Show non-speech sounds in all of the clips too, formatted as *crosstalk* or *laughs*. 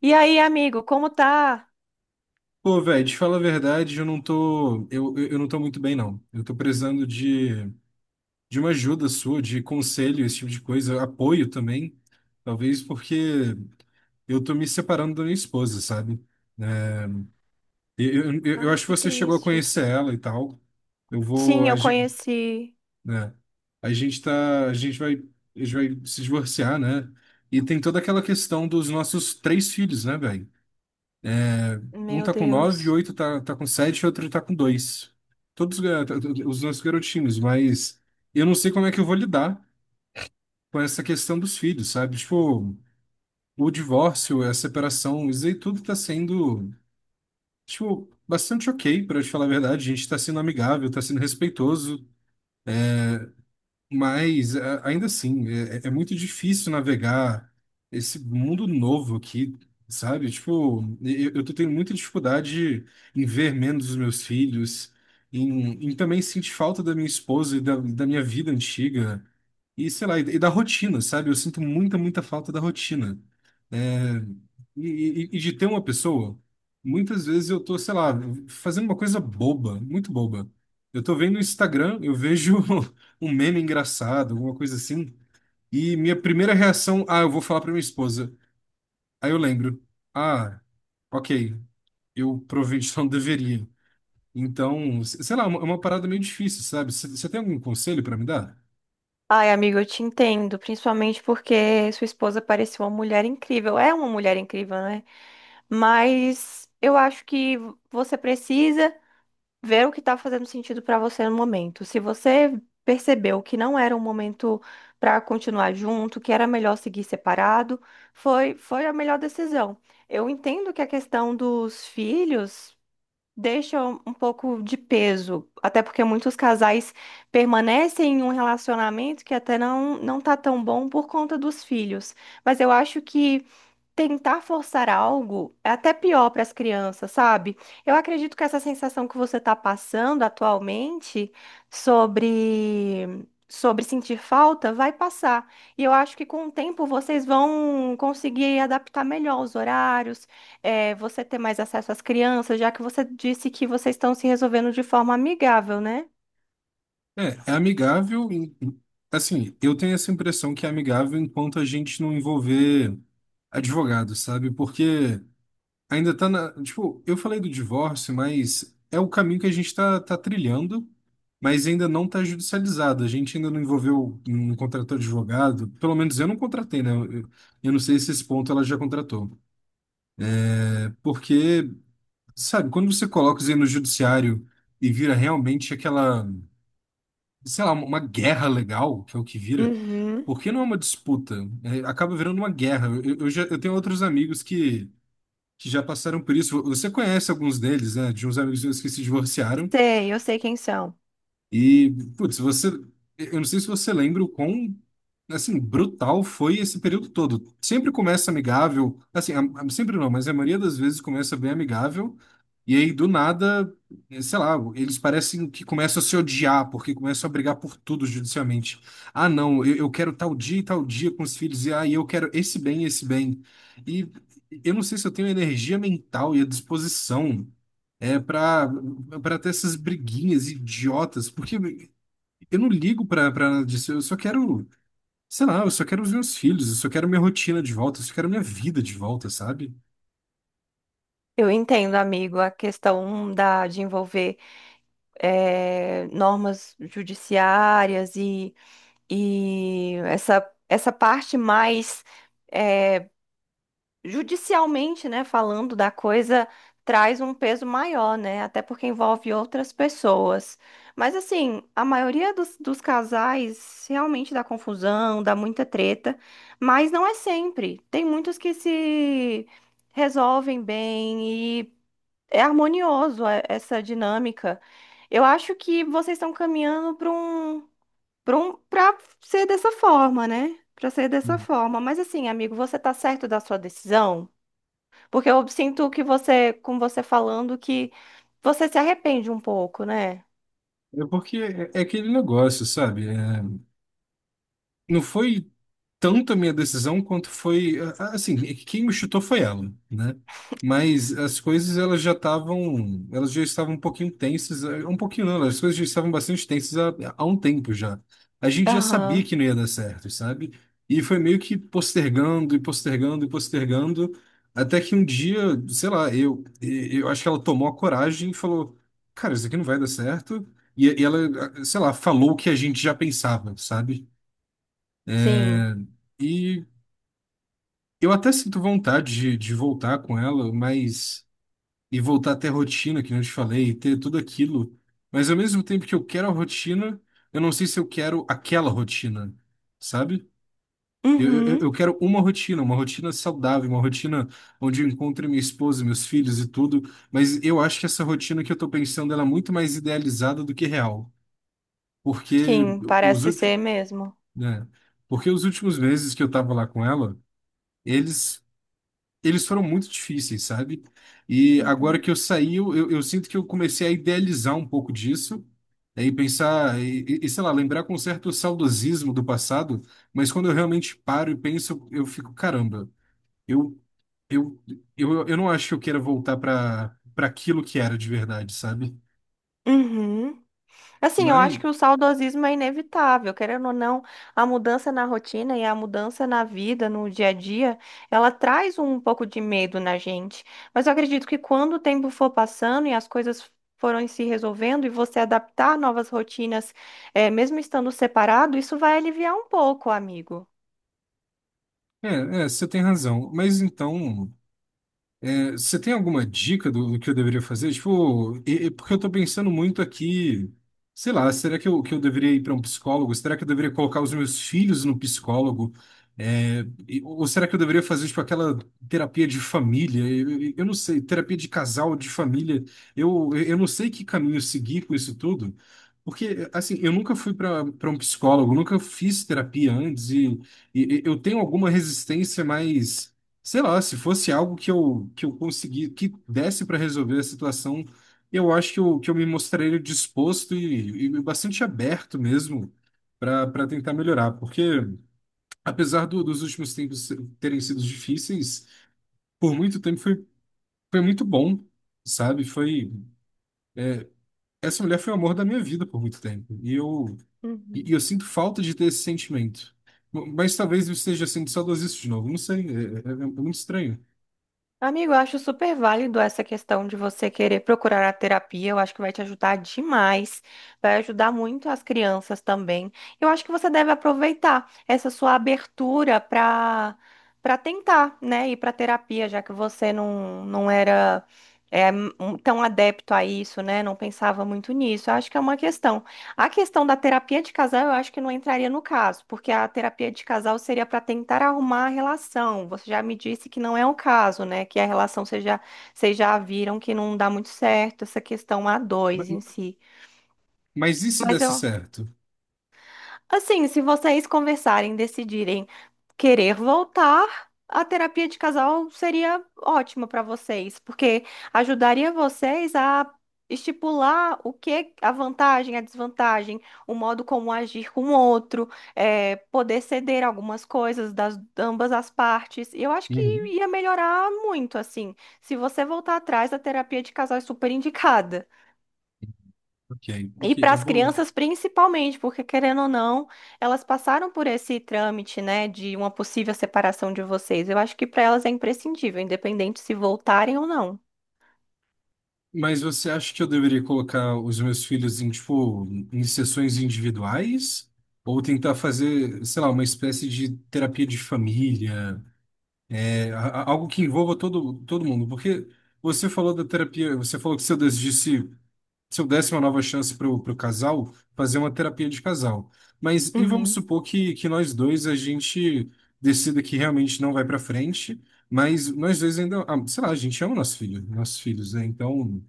E aí, amigo, como tá? Pô, velho, te falo a verdade, eu não tô muito bem, não. Eu tô precisando de uma ajuda sua, de conselho, esse tipo de coisa, apoio também, talvez porque eu tô me separando da minha esposa, sabe? É, Eu Ai, acho que que você chegou a triste. conhecer ela e tal. Eu vou, Sim, a eu gente, conheci. né? A gente tá, a gente vai se divorciar, né? E tem toda aquela questão dos nossos três filhos, né, velho? Um Meu tá com 9, Deus. 8 tá com 7, outro tá com 2. Todos os nossos garotinhos, mas eu não sei como é que eu vou lidar com essa questão dos filhos, sabe? Tipo, o divórcio, a separação, isso aí tudo tá sendo, tipo, bastante ok, pra te falar a verdade. A gente tá sendo amigável, tá sendo respeitoso. Mas ainda assim, é muito difícil navegar esse mundo novo aqui, sabe? Tipo, eu tô tendo muita dificuldade em ver menos os meus filhos, em também sentir falta da minha esposa e da minha vida antiga, e sei lá, e da rotina, sabe? Eu sinto muita, muita falta da rotina. É, e de ter uma pessoa, muitas vezes eu tô, sei lá, fazendo uma coisa boba, muito boba. Eu tô vendo o Instagram, eu vejo *laughs* um meme engraçado, alguma coisa assim. E minha primeira reação, ah, eu vou falar pra minha esposa. Aí eu lembro, ah, ok, eu provavelmente *laughs* não deveria. Então, sei lá, é uma parada meio difícil, sabe? Você tem algum conselho pra me dar? Ai, amigo, eu te entendo, principalmente porque sua esposa parecia uma mulher incrível. É uma mulher incrível, né? Mas eu acho que você precisa ver o que tá fazendo sentido pra você no momento. Se você percebeu que não era um momento pra continuar junto, que era melhor seguir separado, foi a melhor decisão. Eu entendo que a questão dos filhos deixa um pouco de peso, até porque muitos casais permanecem em um relacionamento que até não tá tão bom por conta dos filhos. Mas eu acho que tentar forçar algo é até pior para as crianças, sabe? Eu acredito que essa sensação que você está passando atualmente sobre sentir falta vai passar. E eu acho que com o tempo vocês vão conseguir adaptar melhor os horários, você ter mais acesso às crianças, já que você disse que vocês estão se resolvendo de forma amigável, né? É, é amigável, assim, eu tenho essa impressão que é amigável enquanto a gente não envolver advogado, sabe? Porque ainda tá na. Tipo, eu falei do divórcio, mas é o caminho que a gente tá, trilhando, mas ainda não tá judicializado. A gente ainda não envolveu, não contratou advogado. Pelo menos eu não contratei, né? Eu não sei se esse ponto ela já contratou. Porque, sabe, quando você coloca isso aí no judiciário e vira realmente aquela, sei lá, uma guerra legal, que é o que vira, Uhum. porque não é uma disputa? É, acaba virando uma guerra. Eu tenho outros amigos que já passaram por isso. Você conhece alguns deles, né? De uns amigos meus que se divorciaram. Sei, eu sei quem são. E, putz, você, eu não sei se você lembra o quão, assim, brutal foi esse período todo. Sempre começa amigável, assim, sempre não, mas a maioria das vezes começa bem amigável, e aí do nada, sei lá, eles parecem que começam a se odiar, porque começam a brigar por tudo judicialmente. Ah, não, eu quero tal dia e tal dia com os filhos, e ah, e eu quero esse bem. E eu não sei se eu tenho a energia mental e a disposição é pra ter essas briguinhas idiotas, porque eu não ligo pra nada disso, eu só quero, sei lá, eu só quero os meus filhos, eu só quero minha rotina de volta, eu só quero minha vida de volta, sabe? Eu entendo, amigo, a questão da, de envolver. Normas judiciárias e essa parte mais eh, judicialmente, né, falando da coisa, traz um peso maior, né? Até porque envolve outras pessoas. Mas assim, a maioria dos, dos casais realmente dá confusão, dá muita treta, mas não é sempre. Tem muitos que se resolvem bem, é harmonioso essa dinâmica. Eu acho que vocês estão caminhando para um, para um, para ser dessa forma, né? Para ser dessa forma. Mas assim, amigo, você tá certo da sua decisão? Porque eu sinto que você, com você falando, que você se arrepende um pouco, né? É porque é aquele negócio, sabe? É, não foi tanto a minha decisão quanto foi, assim, quem me chutou foi ela, né? Mas as coisas elas já estavam um pouquinho tensas, um pouquinho não, né? As coisas já estavam bastante tensas há um tempo já. A gente já sabia Aham, que não ia dar certo, sabe? E foi meio que postergando e postergando e postergando, até que um dia, sei lá, eu acho que ela tomou a coragem e falou, cara, isso aqui não vai dar certo. E ela, sei lá, falou o que a gente já pensava, sabe? sim. E eu até sinto vontade de voltar com ela, mas. E voltar a ter rotina, que nem eu te falei, e ter tudo aquilo. Mas ao mesmo tempo que eu quero a rotina, eu não sei se eu quero aquela rotina, sabe? Eu, eu, Uhum, eu quero uma rotina saudável, uma rotina onde eu encontre minha esposa, meus filhos e tudo. Mas eu acho que essa rotina que eu tô pensando, ela é muito mais idealizada do que real. Porque sim, os parece últimos, ser mesmo. né? Porque os últimos meses que eu tava lá com ela, eles eles foram muito difíceis, sabe? E agora Uhum. que eu saí, eu sinto que eu comecei a idealizar um pouco disso, aí pensar, e, sei lá, lembrar com certo saudosismo do passado, mas quando eu realmente paro e penso, eu fico, caramba, eu, eu, eu não acho que eu queira voltar para aquilo que era de verdade, sabe? Uhum. Assim, eu acho Mas, que o saudosismo é inevitável, querendo ou não, a mudança na rotina e a mudança na vida, no dia a dia, ela traz um pouco de medo na gente. Mas eu acredito que quando o tempo for passando e as coisas forem se resolvendo e você adaptar novas rotinas, mesmo estando separado, isso vai aliviar um pouco, amigo. é, é, você tem razão. Mas então. É, você tem alguma dica do que eu deveria fazer? Tipo, e porque eu tô pensando muito aqui, sei lá, será que eu deveria ir para um psicólogo? Será que eu deveria colocar os meus filhos no psicólogo? É, ou será que eu deveria fazer, tipo, aquela terapia de família? Eu não sei, terapia de casal, de família. Eu não sei que caminho seguir com isso tudo. Porque, assim, eu nunca fui para um psicólogo, nunca fiz terapia antes e eu tenho alguma resistência mais. Sei lá, se fosse algo que eu consegui, que desse para resolver a situação, eu acho que eu me mostraria disposto e bastante aberto mesmo para tentar melhorar. Porque, apesar dos últimos tempos terem sido difíceis, por muito tempo foi muito bom, sabe? Foi, essa mulher foi o amor da minha vida por muito tempo. E eu, e Uhum. eu sinto falta de ter esse sentimento. Mas talvez eu esteja sendo saudosista de novo, não sei, é, é muito estranho. Amigo, eu acho super válido essa questão de você querer procurar a terapia. Eu acho que vai te ajudar demais. Vai ajudar muito as crianças também. Eu acho que você deve aproveitar essa sua abertura para tentar, né, ir para terapia, já que você não, não era é, tão adepto a isso, né? Não pensava muito nisso. Eu acho que é uma questão. A questão da terapia de casal, eu acho que não entraria no caso, porque a terapia de casal seria para tentar arrumar a relação. Você já me disse que não é o caso, né? Que a relação vocês já viram que não dá muito certo, essa questão a dois em si. Mas e se Mas desse eu, certo? assim, se vocês conversarem, decidirem querer voltar, a terapia de casal seria ótima para vocês, porque ajudaria vocês a estipular o que é a vantagem, a desvantagem, o modo como agir com o outro, poder ceder algumas coisas das ambas as partes. E eu acho que Uhum. ia melhorar muito, assim. Se você voltar atrás, a terapia de casal é super indicada. Ok, E ok, para eu as vou. crianças principalmente, porque querendo ou não, elas passaram por esse trâmite, né, de uma possível separação de vocês. Eu acho que para elas é imprescindível, independente se voltarem ou não. Mas você acha que eu deveria colocar os meus filhos em, tipo, em sessões individuais? Ou tentar fazer, sei lá, uma espécie de terapia de família? É, algo que envolva todo mundo? Porque você falou da terapia, você falou que seu desiste. Se eu desse uma nova chance para o casal, fazer uma terapia de casal. Mas e vamos Uhum. supor que nós dois a gente decida que realmente não vai para frente, mas nós dois ainda, ah, sei lá, a gente ama nosso filho, nossos filhos, né? Então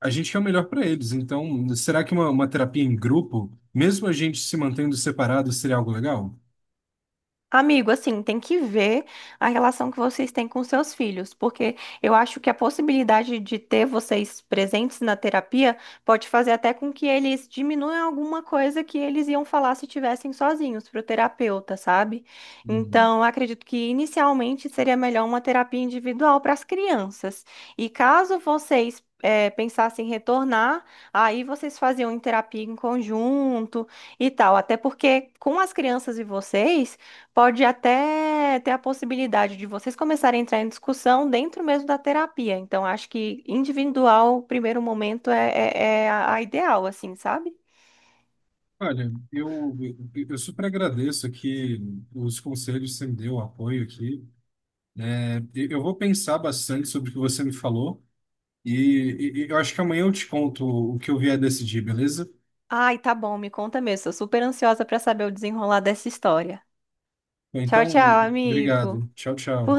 a gente quer o melhor para eles. Então será que uma terapia em grupo, mesmo a gente se mantendo separado, seria algo legal? Amigo, assim, tem que ver a relação que vocês têm com seus filhos, porque eu acho que a possibilidade de ter vocês presentes na terapia pode fazer até com que eles diminuam alguma coisa que eles iam falar se tivessem sozinhos para o terapeuta, sabe? Uhum. Então, eu acredito que inicialmente seria melhor uma terapia individual para as crianças. E caso vocês pensassem em retornar, aí vocês faziam terapia em conjunto e tal, até porque com as crianças e vocês. Pode até ter a possibilidade de vocês começarem a entrar em discussão dentro mesmo da terapia. Então, acho que individual, primeiro momento, é a ideal, assim, sabe? Olha, eu super agradeço aqui os conselhos que você me deu, o apoio aqui. É, eu vou pensar bastante sobre o que você me falou e eu acho que amanhã eu te conto o que eu vier decidir, beleza? Ai, tá bom, me conta mesmo. Sou super ansiosa pra saber o desenrolar dessa história. Tchau, Então, tchau, amigo. obrigado. Tchau, Por tchau.